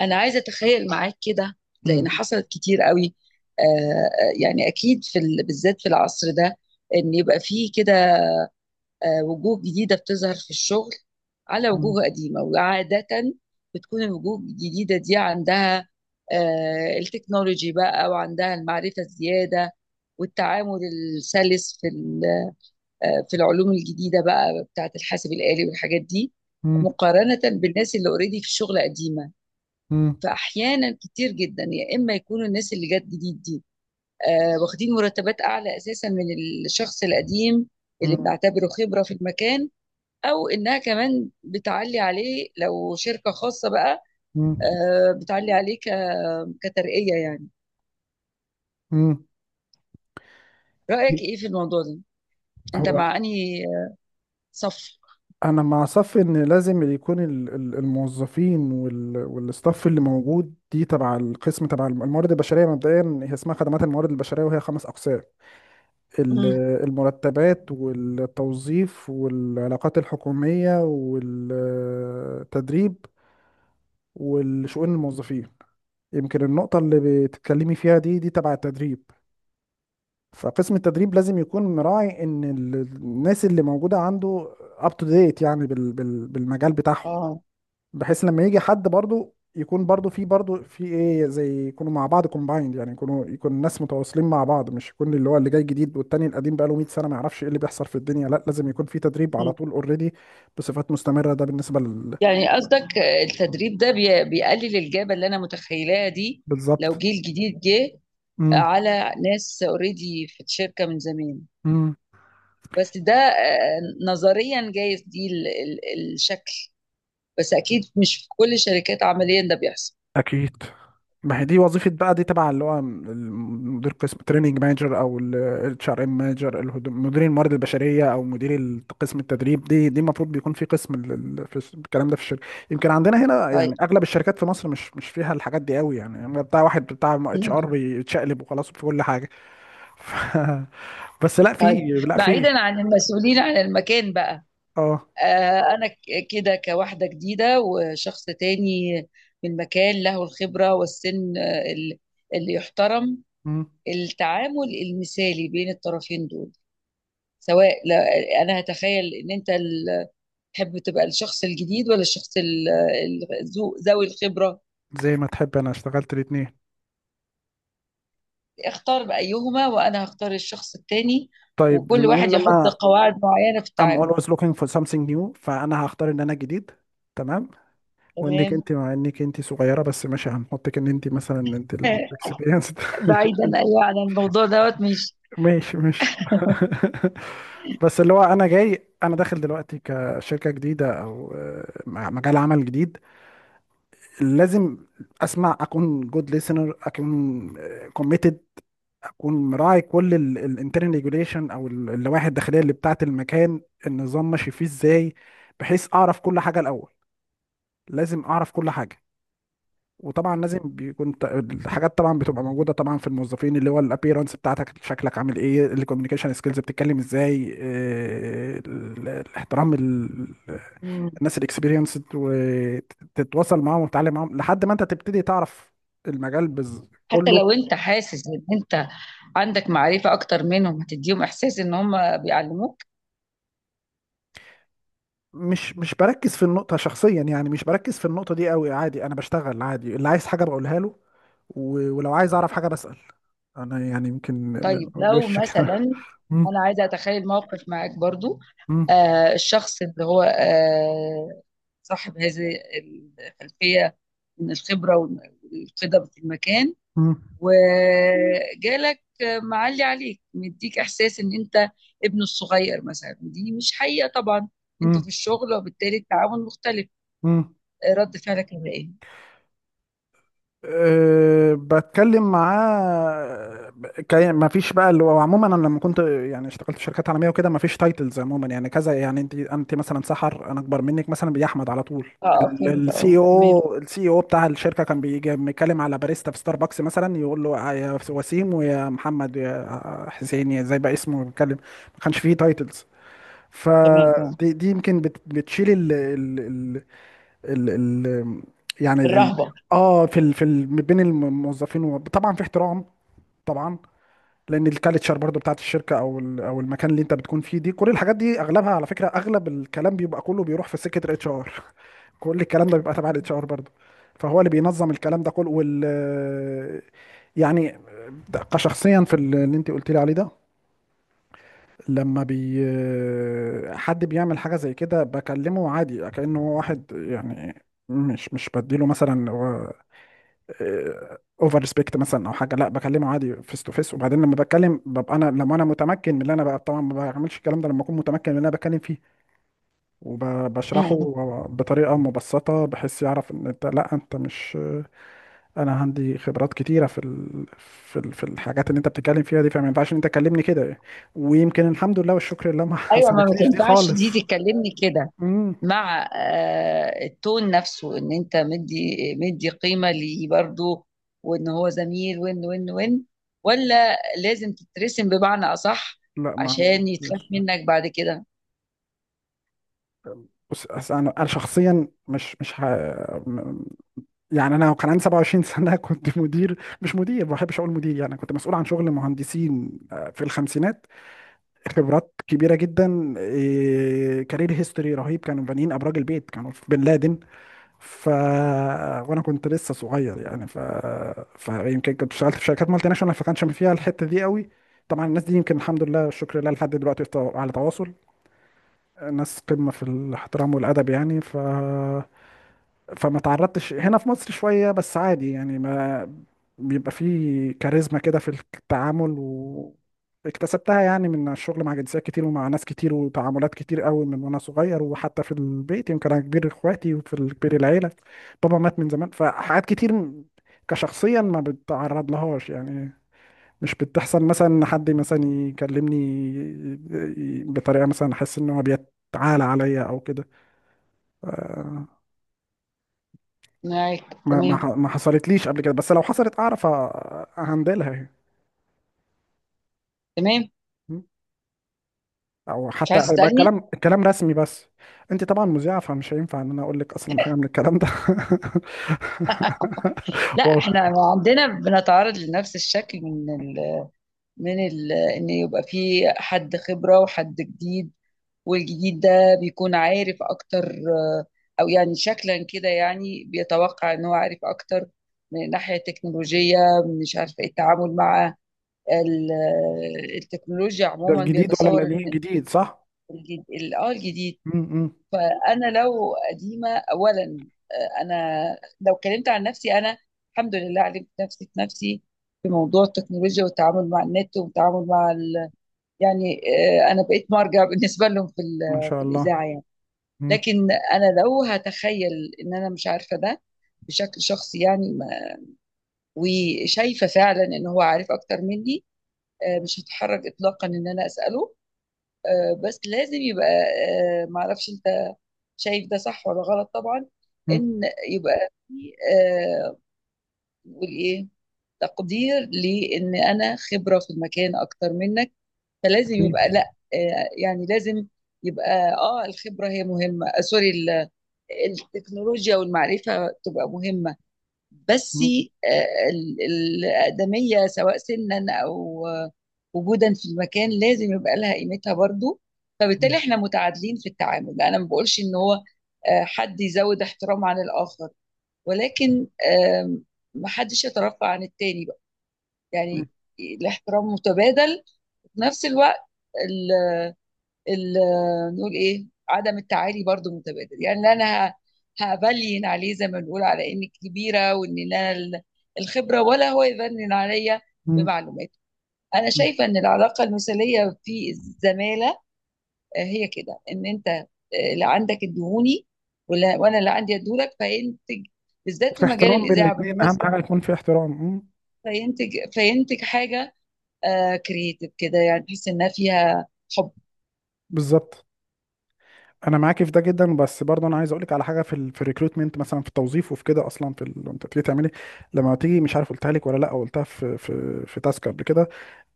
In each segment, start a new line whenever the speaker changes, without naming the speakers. انا عايزه اتخيل معاك كده، لان
مم.
حصلت كتير قوي. يعني اكيد في بالذات في العصر ده ان يبقى فيه كده، وجوه جديده بتظهر في الشغل على
مم.
وجوه قديمه. وعاده بتكون الوجوه الجديده دي عندها التكنولوجي بقى، وعندها المعرفه الزياده والتعامل السلس في في العلوم الجديده بقى بتاعه الحاسب الآلي والحاجات دي،
مم.
مقارنه بالناس اللي اوريدي في الشغل قديمه.
مم.
فاحيانا كتير جدا يا اما يكونوا الناس اللي جت جديد دي، واخدين مرتبات اعلى اساسا من الشخص القديم
مم.
اللي بنعتبره خبره في المكان، او انها كمان بتعلي عليه لو شركه خاصه بقى.
مم.
بتعلي عليه كترقيه يعني.
مم.
رايك ايه في الموضوع ده؟ انت
هو
مع انهي صف؟
انا مع صف ان لازم اللي يكون الموظفين والستاف اللي موجود دي تبع القسم تبع الموارد البشريه. مبدئيا هي اسمها خدمات الموارد البشريه، وهي خمس اقسام: ال-
مم.
المرتبات، والتوظيف، والعلاقات الحكوميه، والتدريب، والشؤون الموظفين. يمكن النقطه اللي بتتكلمي فيها دي تبع التدريب. فقسم التدريب لازم يكون مراعي ان الناس اللي موجوده عنده اب تو ديت يعني بالمجال بتاعهم،
اه.
بحيث لما يجي حد برضو يكون برضو في برضو في ايه زي يكونوا مع بعض كومبايند، يعني يكونوا يكون الناس متواصلين مع بعض، مش يكون اللي هو اللي جاي جديد والتاني القديم بقاله 100 سنه ما يعرفش ايه اللي بيحصل في الدنيا. لا، لازم يكون في تدريب على
مم.
طول اوريدي بصفات مستمره. ده بالنسبه لل
يعني قصدك التدريب ده بيقلل الجابه اللي انا متخيلاها دي، لو
بالظبط.
جيل جديد جه
امم
على ناس اوريدي في الشركة من زمان.
امم
بس ده نظريا جايز دي الشكل، بس اكيد مش في كل الشركات عمليا ده بيحصل.
اكيد. ما هي دي وظيفة بقى، دي تبع اللي هو مدير قسم تريننج مانجر، او الاتش ار ام مانجر، مدير الموارد البشرية، او مدير قسم التدريب. دي المفروض بيكون في قسم الكلام ده في الشركة. يمكن عندنا هنا
طيب،
يعني اغلب الشركات في مصر مش فيها الحاجات دي قوي، يعني هو بتاع واحد بتاع اتش ار بيتشقلب وخلاص في كل حاجة. ف... بس لا في،
طيب.
لا في،
بعيدا عن المسؤولين عن المكان بقى،
اه.
انا كده كواحدة جديدة وشخص تاني من مكان له الخبرة والسن، اللي يحترم
مم.
التعامل المثالي بين الطرفين دول. سواء، انا هتخيل ان انت تحب تبقى الشخص الجديد ولا الشخص ذوي الخبرة.
زي ما تحب، انا اشتغلت الاتنين.
اختار بأيهما وأنا هختار الشخص التاني،
طيب
وكل
بما
واحد
ان
يحط
انا
قواعد معينة في
I'm
التعامل.
always looking for something new، فانا هختار ان انا جديد. تمام. وانك انت
تمام.
مع انك انت صغيره بس ماشي هنحطك ان انت مثلا انت الاكسبيرينس.
بعيدا، أيوة، عن الموضوع دوت مش.
ماشي ماشي. بس اللي هو انا جاي، انا داخل دلوقتي كشركه جديده او مع مجال عمل جديد، لازم اسمع، اكون جود ليسنر، اكون كوميتد، اكون مراعي كل الانترنال ريجوليشن او اللوائح الداخليه اللي بتاعه المكان، النظام ماشي فيه ازاي، بحيث اعرف كل حاجه الاول. لازم اعرف كل حاجه. وطبعا لازم
مم.
بيكون الحاجات طبعا بتبقى موجوده، طبعا في الموظفين اللي هو الابيرنس بتاعتك، شكلك عامل ايه، الكوميونيكيشن سكيلز بتتكلم ازاي، الاحترام
مم.
الناس الاكسبيرينس، وتتواصل معاهم وتتعلم معاهم لحد ما انت تبتدي تعرف المجال
حتى
كله.
لو انت حاسس ان انت عندك معرفة اكتر منهم، هتديهم احساس ان هم بيعلموك.
مش بركز في النقطه شخصيا، يعني مش بركز في النقطه دي قوي، عادي. انا بشتغل عادي، اللي عايز حاجه بقولها له، ولو عايز اعرف حاجه بسأل. انا يعني يمكن من
طيب. لو
وش كده.
مثلا
مم،
انا عايزة اتخيل موقف معاك برضو.
مم،
الشخص اللي هو صاحب هذه الخلفية من الخبرة والقدم في المكان،
مم،
وجالك معلي عليك، مديك إحساس إن أنت ابنه الصغير مثلا، ودي مش حقيقة طبعا، أنتوا في
مم.
الشغل وبالتالي التعاون مختلف.
مم.
رد فعلك هيبقى إيه؟
أه، بتكلم معاه. ما فيش بقى اللي هو، عموما انا لما كنت يعني اشتغلت في شركات عالميه وكده ما فيش تايتلز. عموما يعني كذا، يعني انت مثلا سحر، انا اكبر منك مثلا، بيجي احمد على طول.
اه، فهمت. اه، تمام،
السي او بتاع الشركه كان بيجي بيتكلم على باريستا في ستاربكس مثلا، يقول له يا وسيم، ويا محمد، يا حسين، يا زي بقى اسمه بيتكلم، ما كانش فيه تايتلز.
تمام، تمام.
فدي يمكن بتشيل ال ال يعني ال ال
الرهبة
اه، في ال بين الموظفين طبعا في احترام، طبعا. لان الكالتشر برضو بتاعت الشركه، او ال او المكان اللي انت بتكون فيه دي، كل الحاجات دي اغلبها على فكره اغلب الكلام بيبقى كله بيروح في سكه الاتش ار. كل الكلام ده بيبقى تبع الاتش ار برضو، فهو اللي بينظم الكلام ده كله وال يعني. كشخصيا في اللي انت قلت لي عليه ده، لما حد بيعمل حاجة زي كده بكلمه عادي كأنه هو واحد، يعني مش بديله مثلا اوفر ريسبكت مثلا او حاجه، لا بكلمه عادي فيس تو فيس. وبعدين لما بتكلم ببقى انا لما انا متمكن من اللي انا بقى، طبعا ما بعملش الكلام ده لما اكون متمكن من اللي انا بتكلم فيه
م-
وبشرحه
م.
بطريقه مبسطه، بحيث يعرف ان انت، لا انت مش، انا عندي خبرات كتيره في الحاجات اللي انت بتتكلم فيها دي، فما ينفعش ان انت تكلمني كده. ويمكن الحمد لله والشكر لله ما
ايوه، ما
حصلتليش دي
تنفعش
خالص.
دي تتكلمني كده،
امم
مع التون نفسه ان انت مدي مدي قيمة ليه برضه، وان هو زميل وان. ولا لازم تترسم بمعنى اصح،
لا، ما
عشان يتخاف
عنديش.
منك بعد كده؟
بص، أصل انا شخصيا مش م- يعني انا كان عندي 27 سنه كنت مدير، مش مدير، ما بحبش اقول مدير، يعني كنت مسؤول عن شغل مهندسين في الخمسينات، خبرات كبيره جدا إيه، كارير هيستوري رهيب. كانوا بانيين ابراج البيت، كانوا في بن لادن، ف وانا كنت لسه صغير يعني. فيمكن كنت اشتغلت في شركات مالتي ناشونال فكانش فيها الحته دي قوي. طبعا الناس دي يمكن الحمد لله شكر لله لحد دلوقتي في على تواصل، ناس قمه في الاحترام والادب يعني. فما تعرضتش هنا في مصر، شوية بس عادي يعني، ما بيبقى فيه كاريزما كده في التعامل واكتسبتها يعني من الشغل مع جنسيات كتير، ومع ناس كتير، وتعاملات كتير قوي من وانا صغير، وحتى في البيت يمكن انا كبير اخواتي وفي كبير العيلة، بابا مات من زمان، فحاجات كتير كشخصيا ما بتعرض لهاش يعني. مش بتحصل مثلا ان حد مثلا يكلمني بطريقة مثلا احس ان هو بيتعالى عليا او كده آه
معاك.
ما ما ح-
تمام،
ما حصلتليش قبل كده، بس لو حصلت اعرف اهندلها يعني.
تمام.
م? او
مش
حتى
عايز
هيبقى
تسألني؟
الكلام رسمي بس. انت طبعا مذيعه، فمش هينفع ان انا اقول لك اصلا حاجه من الكلام ده.
لا،
والله.
احنا عندنا بنتعرض لنفس الشكل ان يبقى في حد خبرة وحد جديد. والجديد ده بيكون عارف اكتر، او يعني شكلا كده يعني بيتوقع ان هو عارف اكتر من ناحية التكنولوجية، مش عارف إيه التعامل مع التكنولوجيا
ده
عموما،
الجديد ولا
بيتصور
القديم؟
ان
الجديد، صح.
الجديد الجديد.
م- م.
فانا لو قديمة اولا، انا لو اتكلمت عن نفسي، انا الحمد لله علمت نفسي في نفسي في موضوع التكنولوجيا والتعامل مع النت والتعامل مع يعني، انا بقيت مرجع بالنسبة لهم
ما شاء
في
الله.
الاذاعة يعني.
م-
لكن انا لو هتخيل ان انا مش عارفه ده بشكل شخصي يعني، وشايفه فعلا ان هو عارف اكتر مني، مش هتحرج اطلاقا ان انا اساله. بس لازم يبقى، معرفش انت شايف ده صح ولا غلط طبعا.
م.
ان يبقى في، آه، نقول ايه، تقدير لان انا خبره في المكان اكتر منك. فلازم يبقى،
اكيد.
لا يعني، لازم يبقى الخبره هي مهمه، سوري، التكنولوجيا والمعرفة تبقى مهمة. بس،
م-
آه، ال- الأقدمية سواء سنا أو وجودا في المكان، لازم يبقى لها قيمتها برضو. فبالتالي
م-
احنا متعادلين في التعامل، أنا ما بقولش إن هو حد يزود احترام عن الآخر، ولكن محدش يترفع عن التاني بقى
م-
يعني. الاحترام متبادل، في نفس الوقت نقول ايه، عدم التعالي برضو متبادل يعني، لا انا هبلين عليه زي ما بنقول على اني كبيره وان انا الخبره، ولا هو يبنن عليا
م-
بمعلومات. انا
م.
شايفه ان العلاقه المثاليه في الزماله، هي كده، ان انت اللي عندك ادهوني ولا وانا اللي عندي ادولك، فينتج بالذات
في
في مجال
احترام بين
الاذاعه
الاثنين، اهم
بالمناسبه.
حاجه يكون في احترام. م.
فينتج حاجه كرييتيف كده يعني، تحس انها فيها حب.
بالظبط. انا معاكي في ده جدا، بس برضه انا عايز اقول لك على حاجه في ال في الريكروتمنت مثلا، في التوظيف وفي كده، اصلا انت بتيجي تعملي، لما تيجي مش عارف قلتها لك ولا لا، أو قلتها في تاسك قبل كده،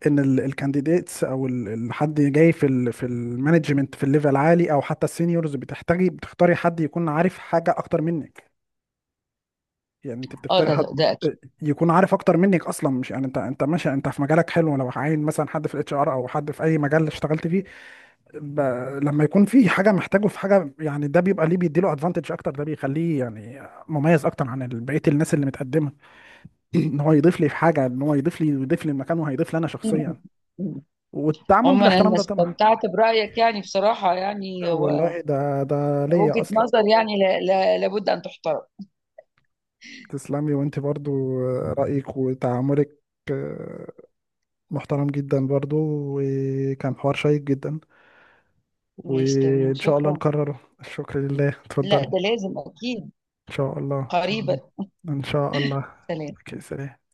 ان الكانديديتس او حد جاي في ال في المانجمنت في الليفل عالي، او حتى السينيورز، بتحتاجي بتختاري حد يكون عارف حاجه اكتر منك. يعني انت
اه،
بتختاري
ده
حد
ده
آه،
اكيد.
يكون عارف اكتر منك اصلا، مش يعني انت، ماشي انت في مجالك حلو، لو عاين مثلا حد في الاتش ار او حد في اي مجال اشتغلت فيه ب... لما يكون في حاجه محتاجه في حاجه يعني، ده بيبقى ليه، بيديله ادفانتج اكتر، ده بيخليه يعني مميز اكتر عن بقيه الناس اللي متقدمه. ان هو يضيف لي في حاجه، ان هو يضيف لي ويضيف لي المكان وهيضيف لي انا شخصيا، والتعامل
عموما
بالاحترام
انا
ده طبعا.
استمتعت برايك يعني بصراحه، يعني هو
والله، ده ليا
وجهه
اصلا.
نظر، يعني، لا، لا، لابد ان تحترم.
تسلمي، وانت برضو رأيك وتعاملك آه، محترم جدا برضو، وكان حوار شيق جدا،
ماشي، تمام،
وان شاء الله
شكرا.
نكرره. الشكر لله. اتفضل.
لا،
ان
ده لازم اكيد.
شاء الله. ان شاء الله.
قريبا.
ان شاء الله.
سلام.
اوكي. سلام.